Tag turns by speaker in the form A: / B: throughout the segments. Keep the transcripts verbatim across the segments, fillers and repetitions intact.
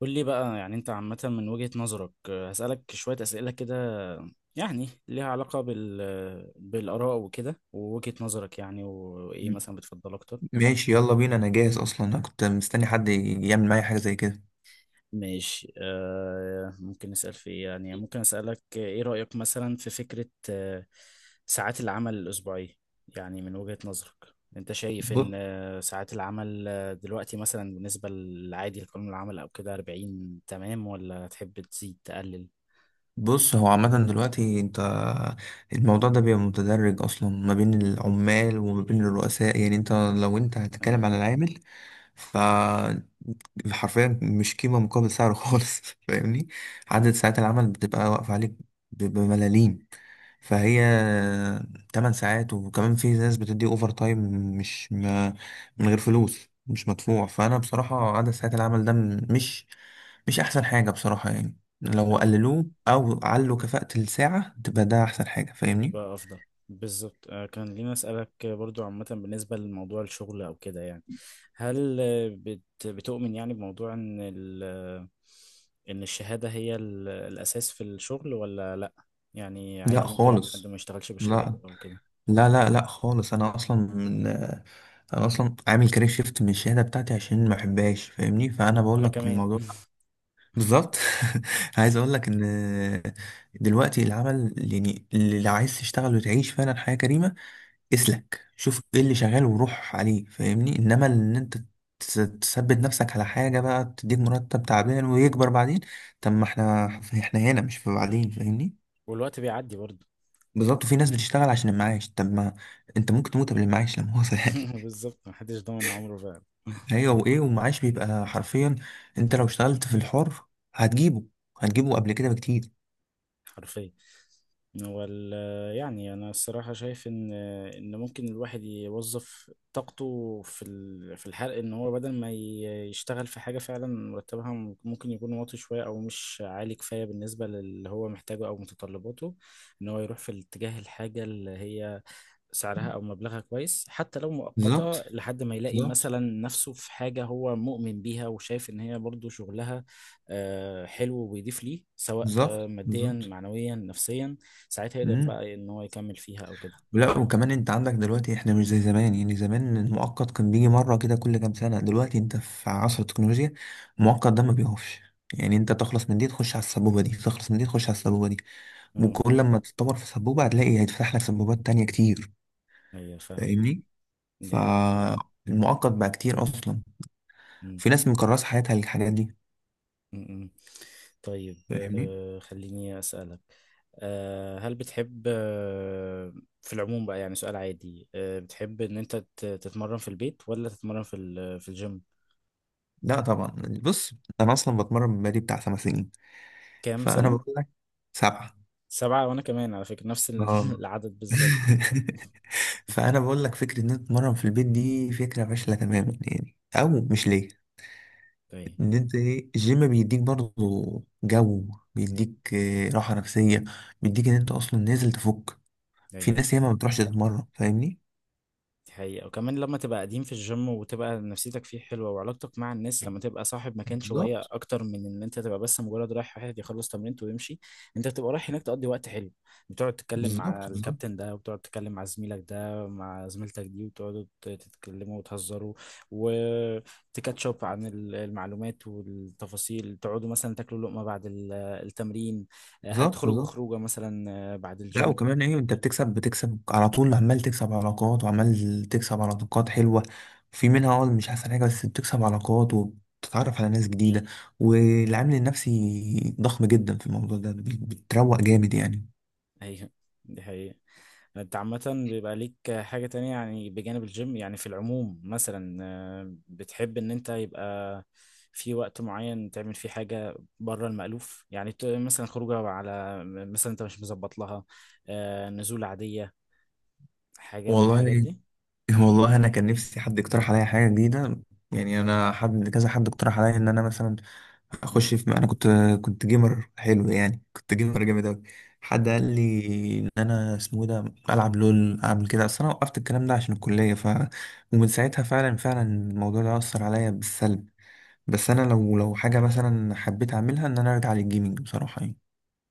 A: قول لي بقى يعني انت عامة من وجهة نظرك آه، هسألك شوية أسئلة كده يعني ليها علاقة بال آه، بالآراء وكده ووجهة نظرك يعني وإيه مثلا بتفضل أكتر.
B: ماشي، يلا بينا. انا جاهز اصلا، انا كنت مستني حد يعمل معايا حاجه زي كده.
A: ماشي آه، ممكن نسأل في إيه يعني ممكن أسألك آه، إيه رأيك مثلا في فكرة آه ساعات العمل الأسبوعية؟ يعني من وجهة نظرك انت شايف ان
B: بص،
A: آه، ساعات العمل آه، دلوقتي مثلا بالنسبة للعادي لقانون العمل او كده أربعين تمام ولا تحب تزيد تقلل؟
B: بص هو عامه دلوقتي انت، الموضوع ده بيبقى متدرج اصلا ما بين العمال وما بين الرؤساء. يعني انت لو انت
A: اي،
B: هتتكلم على العامل، حرفيا مش قيمة مقابل سعره خالص فاهمني؟ عدد ساعات العمل بتبقى واقفة عليك ب- بملاليم. فهي 8 ساعات، وكمان في ناس بتدي اوفر تايم مش ما من غير فلوس، مش مدفوع. فانا بصراحة عدد ساعات العمل ده م- مش مش احسن حاجة بصراحة. يعني لو قللوه او علوا كفاءة الساعة تبقى ده احسن حاجة، فاهمني؟
A: يبقى افضل. بالظبط آه، كان لينا اسالك برضو عامه بالنسبه لموضوع الشغل او كده يعني هل آه، بت- بتؤمن يعني بموضوع ان ال آه، ان الشهاده هي ال- الاساس في الشغل ولا لا؟ يعني
B: لا لا
A: عادي ممكن حد
B: خالص،
A: ما يشتغلش بشهادته
B: لا
A: او كده.
B: لا لا لا خالص. انا اصلا من انا اصلا عامل كارير شيفت من الشهاده بتاعتي عشان ما بحبهاش، فاهمني؟ فانا بقول
A: انا
B: لك
A: كمان.
B: الموضوع بالظبط. عايز اقول لك ان دلوقتي العمل، يعني اللي لو عايز تشتغل وتعيش فعلا حياه كريمه، اسلك شوف ايه اللي شغال وروح عليه، فاهمني؟ انما ان انت تس- تثبت نفسك على حاجه بقى تديك مرتب تعبان ويكبر بعدين، طب ما احنا احنا هنا مش في بعدين، فاهمني؟
A: والوقت بيعدي برضو.
B: بالظبط. وفي ناس بتشتغل عشان المعاش، طب ما انت ممكن تموت قبل المعاش، لا مؤاخذة يعني.
A: بالظبط، محدش ضامن عمره
B: ايوه. وايه، والمعاش بيبقى حرفيا انت لو اشتغلت في الحر هتجيبه هتجيبه قبل كده بكتير.
A: حرفيا. وال يعني انا الصراحه شايف ان ان ممكن الواحد يوظف طاقته في ال- في الحرق ان هو بدل ما ي- يشتغل في حاجه فعلا مرتبها ممكن يكون واطي شويه او مش عالي كفايه بالنسبه للي هو محتاجه او متطلباته. ان هو يروح في الاتجاه الحاجه اللي هي سعرها او مبلغها كويس حتى لو
B: بالظبط
A: مؤقته لحد ما يلاقي
B: بالظبط،
A: مثلا نفسه في حاجه هو مؤمن بيها وشايف ان هي برضو شغلها آه، حلو وبيضيف ليه سواء آه،
B: بالظبط
A: ماديا
B: بالظبط.
A: معنويا نفسيا. ساعتها يقدر
B: امم.
A: بقى ان هو يكمل فيها او كده.
B: لا، وكمان انت عندك دلوقتي احنا مش زي زمان. يعني زمان المؤقت كان بيجي مرة كده كل كام سنة، دلوقتي انت في عصر التكنولوجيا، المؤقت ده ما بيقفش. يعني انت تخلص من دي تخش على السبوبة دي، تخلص من دي تخش على السبوبة دي،
A: اه.
B: وكل لما تتطور في سبوبة هتلاقي هيتفتح لك سبوبات تانية كتير،
A: ايوه فاهم.
B: فاهمني؟
A: دي حقيقة.
B: فالمعقد بقى كتير اصلا،
A: مم،
B: في ناس مكرسه حياتها للحاجات دي،
A: مم، مم. طيب
B: فاهمني؟
A: آه، خليني اسالك آه، هل بتحب آه، في العموم بقى يعني سؤال عادي آه، بتحب ان انت تت- تتمرن في البيت ولا تتمرن في ال- في الجيم؟
B: لا طبعا. بص، انا اصلا بتمرن بقالي بتاع خمس سنين.
A: كام
B: فانا
A: سنة؟
B: بقول لك سبعه.
A: سبعة، وأنا كمان على فكرة نفس ال-
B: اه.
A: العدد بالظبط.
B: فانا بقول لك فكره ان انت تتمرن في البيت دي فكره فاشله تماما، يعني او مش ليه.
A: أيوة.
B: ان انت ايه، الجيم بيديك برضه جو، بيديك آه، راحه نفسيه، بيديك ان انت اصلا نازل تفك. في
A: أيوة
B: ناس ياما
A: فاهم.
B: ما بتروحش تتمرن، فاهمني؟
A: دي حقيقة، وكمان لما تبقى قديم في الجيم وتبقى نفسيتك فيه حلوة وعلاقتك مع الناس، لما تبقى صاحب مكان شوية
B: بالظبط
A: أكتر من إن أنت تبقى بس مجرد رايح واحد يخلص تمرينته ويمشي. أنت بتبقى رايح هناك تقضي وقت حلو، بتقعد تتكلم مع
B: بالظبط، بالظبط
A: الكابتن ده، وبتقعد تتكلم مع زميلك ده، مع زميلتك دي، وتقعدوا ت- تتكلموا وتهزروا وتكاتشب عن ال- المعلومات والتفاصيل، تقعدوا مثلا تاكلوا لقمة بعد ال- التمرين،
B: بالظبط
A: هتخرجوا
B: بالظبط.
A: خروجة مثلا بعد
B: لا،
A: الجيم.
B: وكمان ايه، انت بتكسب، بتكسب على طول، عمال تكسب علاقات، وعمال تكسب علاقات حلوة. في منها اه مش احسن حاجة، بس بتكسب علاقات وبتتعرف على ناس جديدة. والعامل النفسي ضخم جدا في الموضوع ده. بت- بتروق جامد يعني.
A: أيوه، دي حقيقة. انت عامة بيبقى ليك حاجة تانية يعني بجانب الجيم، يعني في العموم مثلا آه، بتحب ان انت يبقى في وقت معين تعمل فيه حاجة بره المألوف؟ يعني ت- مثلا خروجة على مثلا انت مش مظبط لها، آه، نزول عادية، حاجة من مم. الحاجات
B: والله،
A: دي.
B: والله انا كان نفسي حد يقترح عليا حاجة جديدة. يعني انا حد كذا، حد اقترح عليا ان انا مثلا
A: مم.
B: اخش في، انا كنت كنت جيمر حلو، يعني كنت جيمر جامد اوي. حد قال لي ان انا اسمه إيه ده العب لول، اعمل كده. اصل انا وقفت الكلام ده عشان الكليه، ف ومن ساعتها فعلا فعلا الموضوع ده اثر عليا بالسلب. بس انا
A: ايوه،
B: لو، لو حاجه مثلا حبيت اعملها ان انا ارجع للجيمنج بصراحه يعني.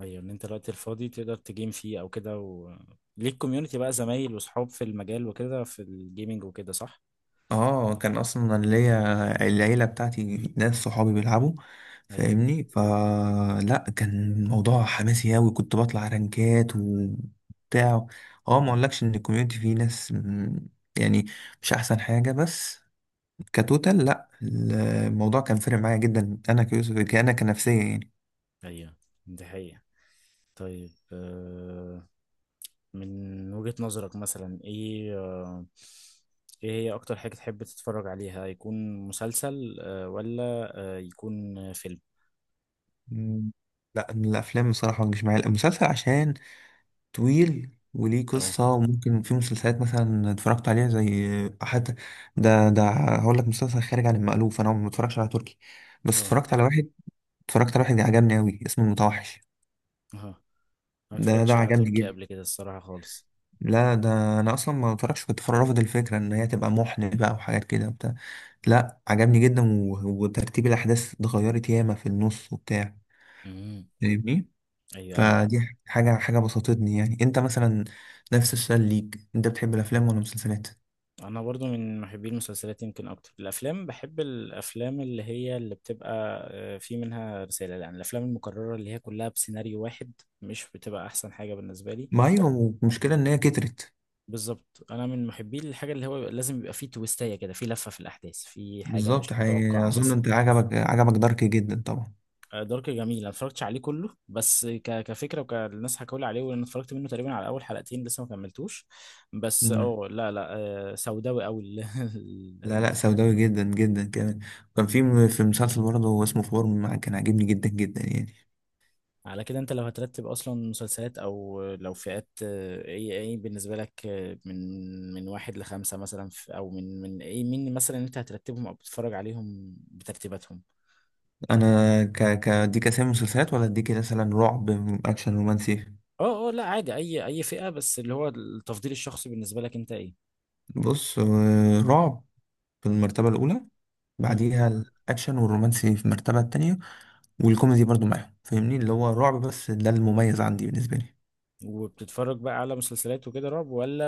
A: ايوه، ان انت الوقت الفاضي تقدر تجيم فيه او كده، و... ليك كوميونتي بقى، زمايل وصحاب في المجال وكده في الجيمينج وكده، صح؟
B: اه، كان اصلا أنا ليا العيله بتاعتي، ناس صحابي بيلعبوا،
A: ايوه.
B: فاهمني؟ فلا كان الموضوع حماسي اوي، كنت بطلع رانكات وبتاع. اه، ما
A: مم.
B: اقولكش ان الكوميونتي فيه ناس م- يعني مش احسن حاجه، بس كتوتال لا الموضوع كان فارق معايا جدا. انا كيوسف، انا كنفسيه يعني.
A: ايوه، دي حقيقة. طيب آه، من وجهة نظرك مثلا ايه آه، ايه هي اكتر حاجة تحب تتفرج عليها؟ يكون مسلسل آه، ولا آه، يكون فيلم؟
B: م. لا الافلام بصراحه ما بتجيش معايا، المسلسل عشان طويل وليه
A: اه،
B: قصة، وممكن في مسلسلات مثلا اتفرجت عليها زي حتى، ده ده هقول لك مسلسل خارج عن المألوف، أنا ما بتفرجش على تركي، بس
A: اه،
B: اتفرجت
A: بتفرج.
B: على واحد، اتفرجت على واحد عجبني أوي اسمه المتوحش.
A: اه، ما
B: ده ده
A: اتفرجتش على، بحب
B: عجبني
A: تركي قبل
B: جدا.
A: الفيلم كده، الصراحة خالص.
B: لا، ده أنا أصلا ما بتفرجش، كنت فر- رافض الفكرة إن هي تبقى محن بقى وحاجات كده وبتاع. لا عجبني جدا و- وترتيب الأحداث اتغيرت ياما في النص وبتاع،
A: امم.
B: فاهمني؟
A: ايوه، ايوه،
B: فدي حاجة، حاجة بسطتني يعني. أنت مثلا، نفس السؤال ليك، أنت بتحب الأفلام ولا المسلسلات؟
A: انا برضو من محبي المسلسلات. يمكن اكتر، الافلام بحب الافلام اللي هي اللي بتبقى آه، في منها رسالة، يعني الافلام المكررة اللي هي كلها بسيناريو واحد مش بتبقى احسن حاجة بالنسبة لي.
B: ما ايوه المشكلة ان هي كترت.
A: بالظبط، انا من محبي الحاجه اللي هو لازم يبقى فيه تويستايه كده، فيه لفه في الاحداث، فيه حاجه
B: بالظبط.
A: مش
B: حقيقي
A: متوقعه
B: اظن
A: مثلا.
B: انت عجبك عجبك دارك جدا طبعا.
A: آه، دارك جميل، انا اتفرجتش عليه كله بس ك... كفكره وكالناس حكوا لي عليه، وانا اتفرجت منه تقريبا على اول حلقتين، لسه ما كملتوش بس
B: مم.
A: اه، لا لا، آه، سوداوي قوي ال- ال-
B: لا لا،
A: المس-
B: سوداوي جدا جدا كمان. كان في م- في مسلسل برضه هو اسمه فورم، كان عاجبني جدا جدا يعني.
A: على كده انت لو هترتب اصلا مسلسلات او لو فئات، آه، ايه ايه بالنسبه لك آه، من من واحد لخمسه مثلا في- او من من ايه، مين مثلا انت هترتبهم او بتتفرج عليهم بترتيباتهم؟
B: انا ك ك اديك اسامي مسلسلات ولا اديك مثلا رعب، اكشن، رومانسي؟
A: اه اه، لا عادي اي اي فئة، بس اللي هو التفضيل الشخصي بالنسبة لك انت ايه؟
B: بص، آه، رعب في المرتبة الاولى،
A: مم.
B: بعديها الاكشن والرومانسي في المرتبة التانية. والكوميدي برضه معاهم، فاهمني؟ اللي هو رعب بس، ده المميز عندي بالنسبة لي.
A: وبتتفرج بقى على مسلسلات وكده رعب، ولا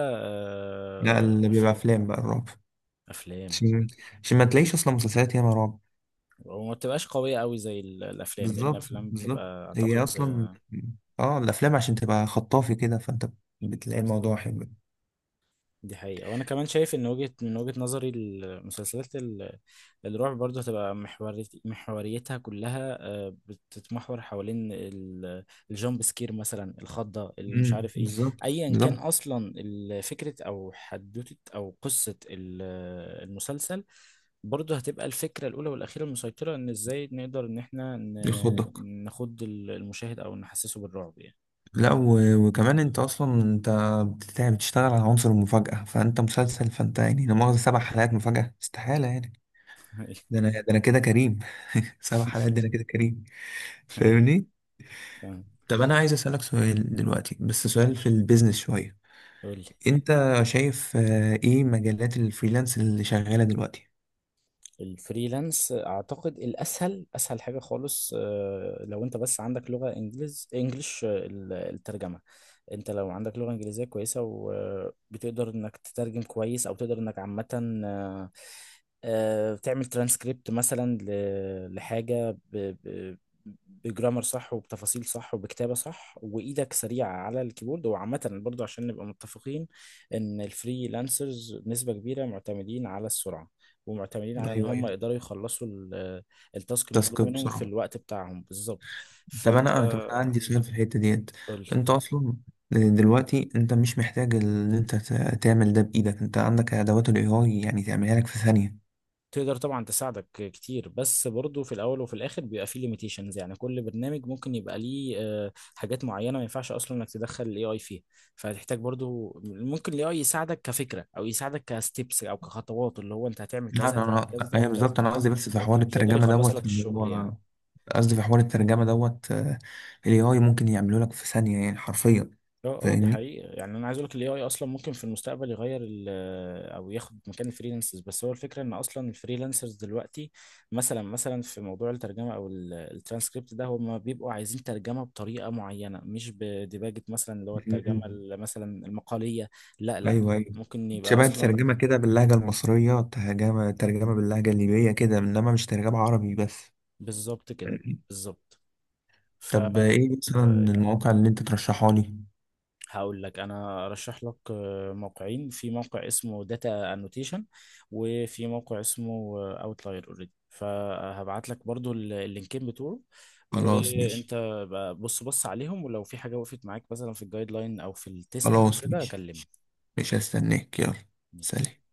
B: لا
A: آه،
B: اللي بيبقى
A: افلام؟
B: افلام بقى الرعب.
A: افلام،
B: عشان، عشان ما تلاقيش اصلا مسلسلات ياما رعب.
A: وما بتبقاش قوية قوي زي ال- الافلام، لان
B: بالظبط
A: الافلام
B: بالظبط.
A: بتبقى
B: هي
A: اعتقد.
B: اصلا اه الافلام عشان تبقى خطافي كده، فانت بتلاقي
A: بالظبط،
B: الموضوع حلو.
A: دي حقيقة، وأنا كمان شايف إن وجهة من وجهة نظري المسلسلات ال- الرعب برضه هتبقى محوريت- محوريتها كلها آه، بتتمحور حوالين ال- الجامب سكير مثلا، الخضة، اللي مش
B: امم.
A: عارف إيه.
B: بالظبط
A: أيا كان
B: بالظبط.
A: أصلا ال- فكرة أو حدوتة أو قصة ال- المسلسل برضه هتبقى الفكرة الأولى والأخيرة المسيطرة إن إزاي نقدر إن إحنا
B: يخضك.
A: ن- نخض المشاهد أو نحسسه بالرعب يعني.
B: لا، و... وكمان انت اصلا انت بتت- بتشتغل على عنصر المفاجأة. فانت مسلسل، فانت يعني لا مؤاخذة سبع حلقات مفاجأة استحالة يعني.
A: أيوه.
B: ده انا، ده انا كده كريم. سبع حلقات ده انا كده كريم،
A: أيوه
B: فاهمني؟
A: فاهم.
B: طب انا عايز اسألك سؤال دلوقتي، بس سؤال في البيزنس شوية.
A: قولي.
B: انت شايف آه، ايه مجالات الفريلانس اللي شغاله دلوقتي؟
A: الفريلانس اعتقد الاسهل، اسهل حاجه خالص آه، لو انت بس عندك لغه انجليز انجليش، آه، ال- الترجمه. انت لو عندك لغه انجليزيه كويسه وبتقدر انك تترجم كويس، او تقدر انك عامه آه، آه، تعمل ترانسكريبت مثلا ل- لحاجه ب- ب- بجرامر صح وبتفاصيل صح وبكتابه صح، وايدك سريعه على الكيبورد. وعامه برضو عشان نبقى متفقين ان الفريلانسرز نسبه كبيره معتمدين على السرعه ومعتمدين على ان
B: ايوه
A: هم
B: ايوه،
A: يقدروا يخلصوا ال- التاسك المطلوب
B: تاسك
A: منهم في
B: بسرعه.
A: الوقت بتاعهم بالظبط.
B: طب
A: فانت،
B: انا، انا، طب انا عندي سؤال في الحته ديت.
A: قول.
B: انت اصلا دلوقتي انت مش محتاج ان انت ت- تعمل ده بايدك، انت عندك ادوات الاي اي يعني تعملها لك في ثانيه.
A: تقدر طبعا، تساعدك كتير، بس برضو في الاول وفي الاخر بيبقى فيه ليميتيشنز، يعني كل برنامج ممكن يبقى ليه آه، حاجات معينه ما ينفعش اصلا انك تدخل الاي اي فيها. فهتحتاج برضو، ممكن الاي اي يساعدك كفكره او يساعدك كستبس او كخطوات، اللي هو انت هتعمل
B: لا
A: كذا،
B: انا،
A: هتعمل
B: انا
A: كذا،
B: ايوه
A: هتعمل كذا،
B: بالظبط، انا قصدي بس في حوار
A: لكن مش هيقدر
B: الترجمه
A: يخلص
B: دوت،
A: لك
B: اللي
A: الشغل
B: هو
A: يعني.
B: قصدي في حوار الترجمه دوت، الاي اي ممكن يعمله لك في ثانيه يعني حرفيا،
A: اه اه، دي
B: فاهمني؟
A: حقيقة. يعني انا عايز اقول لك الاي اي اصلا ممكن في المستقبل يغير ال آه، او ياخد مكان الفريلانسرز، بس هو الفكرة ان اصلا الفريلانسرز دلوقتي مثلا مثلا في موضوع الترجمة او ال- الترانسكريبت ده هم بيبقوا عايزين ترجمة بطريقة معينة مش بديباجة مثلا اللي هو الترجمة
B: مم.
A: ال- مثلا المقالية. لا لا،
B: ايوه ايوه.
A: ممكن يبقى
B: شبه
A: اصلا
B: الترجمة
A: فريلانسرز.
B: كده باللهجة المصرية، ترجمة، ترجمة باللهجة الليبية كده، إنما مش ترجمة عربي بس.
A: بالظبط كده. بالظبط. ف
B: طب إيه مثلا
A: آه،
B: المواقع اللي أنت ترشحها لي؟
A: هقول لك، انا ارشح لك آه، موقعين، في موقع اسمه داتا انوتيشن، وفي موقع اسمه اوتلاير اوريدي، فهبعت لك برضو ال- اللينكين بتوعه.
B: خلاص ماشي.
A: وانت بقى بص بص عليهم، ولو في حاجة وقفت معاك مثلا في الجايد لاين او في التيست او
B: خلاص
A: كده
B: ماشي،
A: كلمني.
B: مش هستناك، يلا سلام.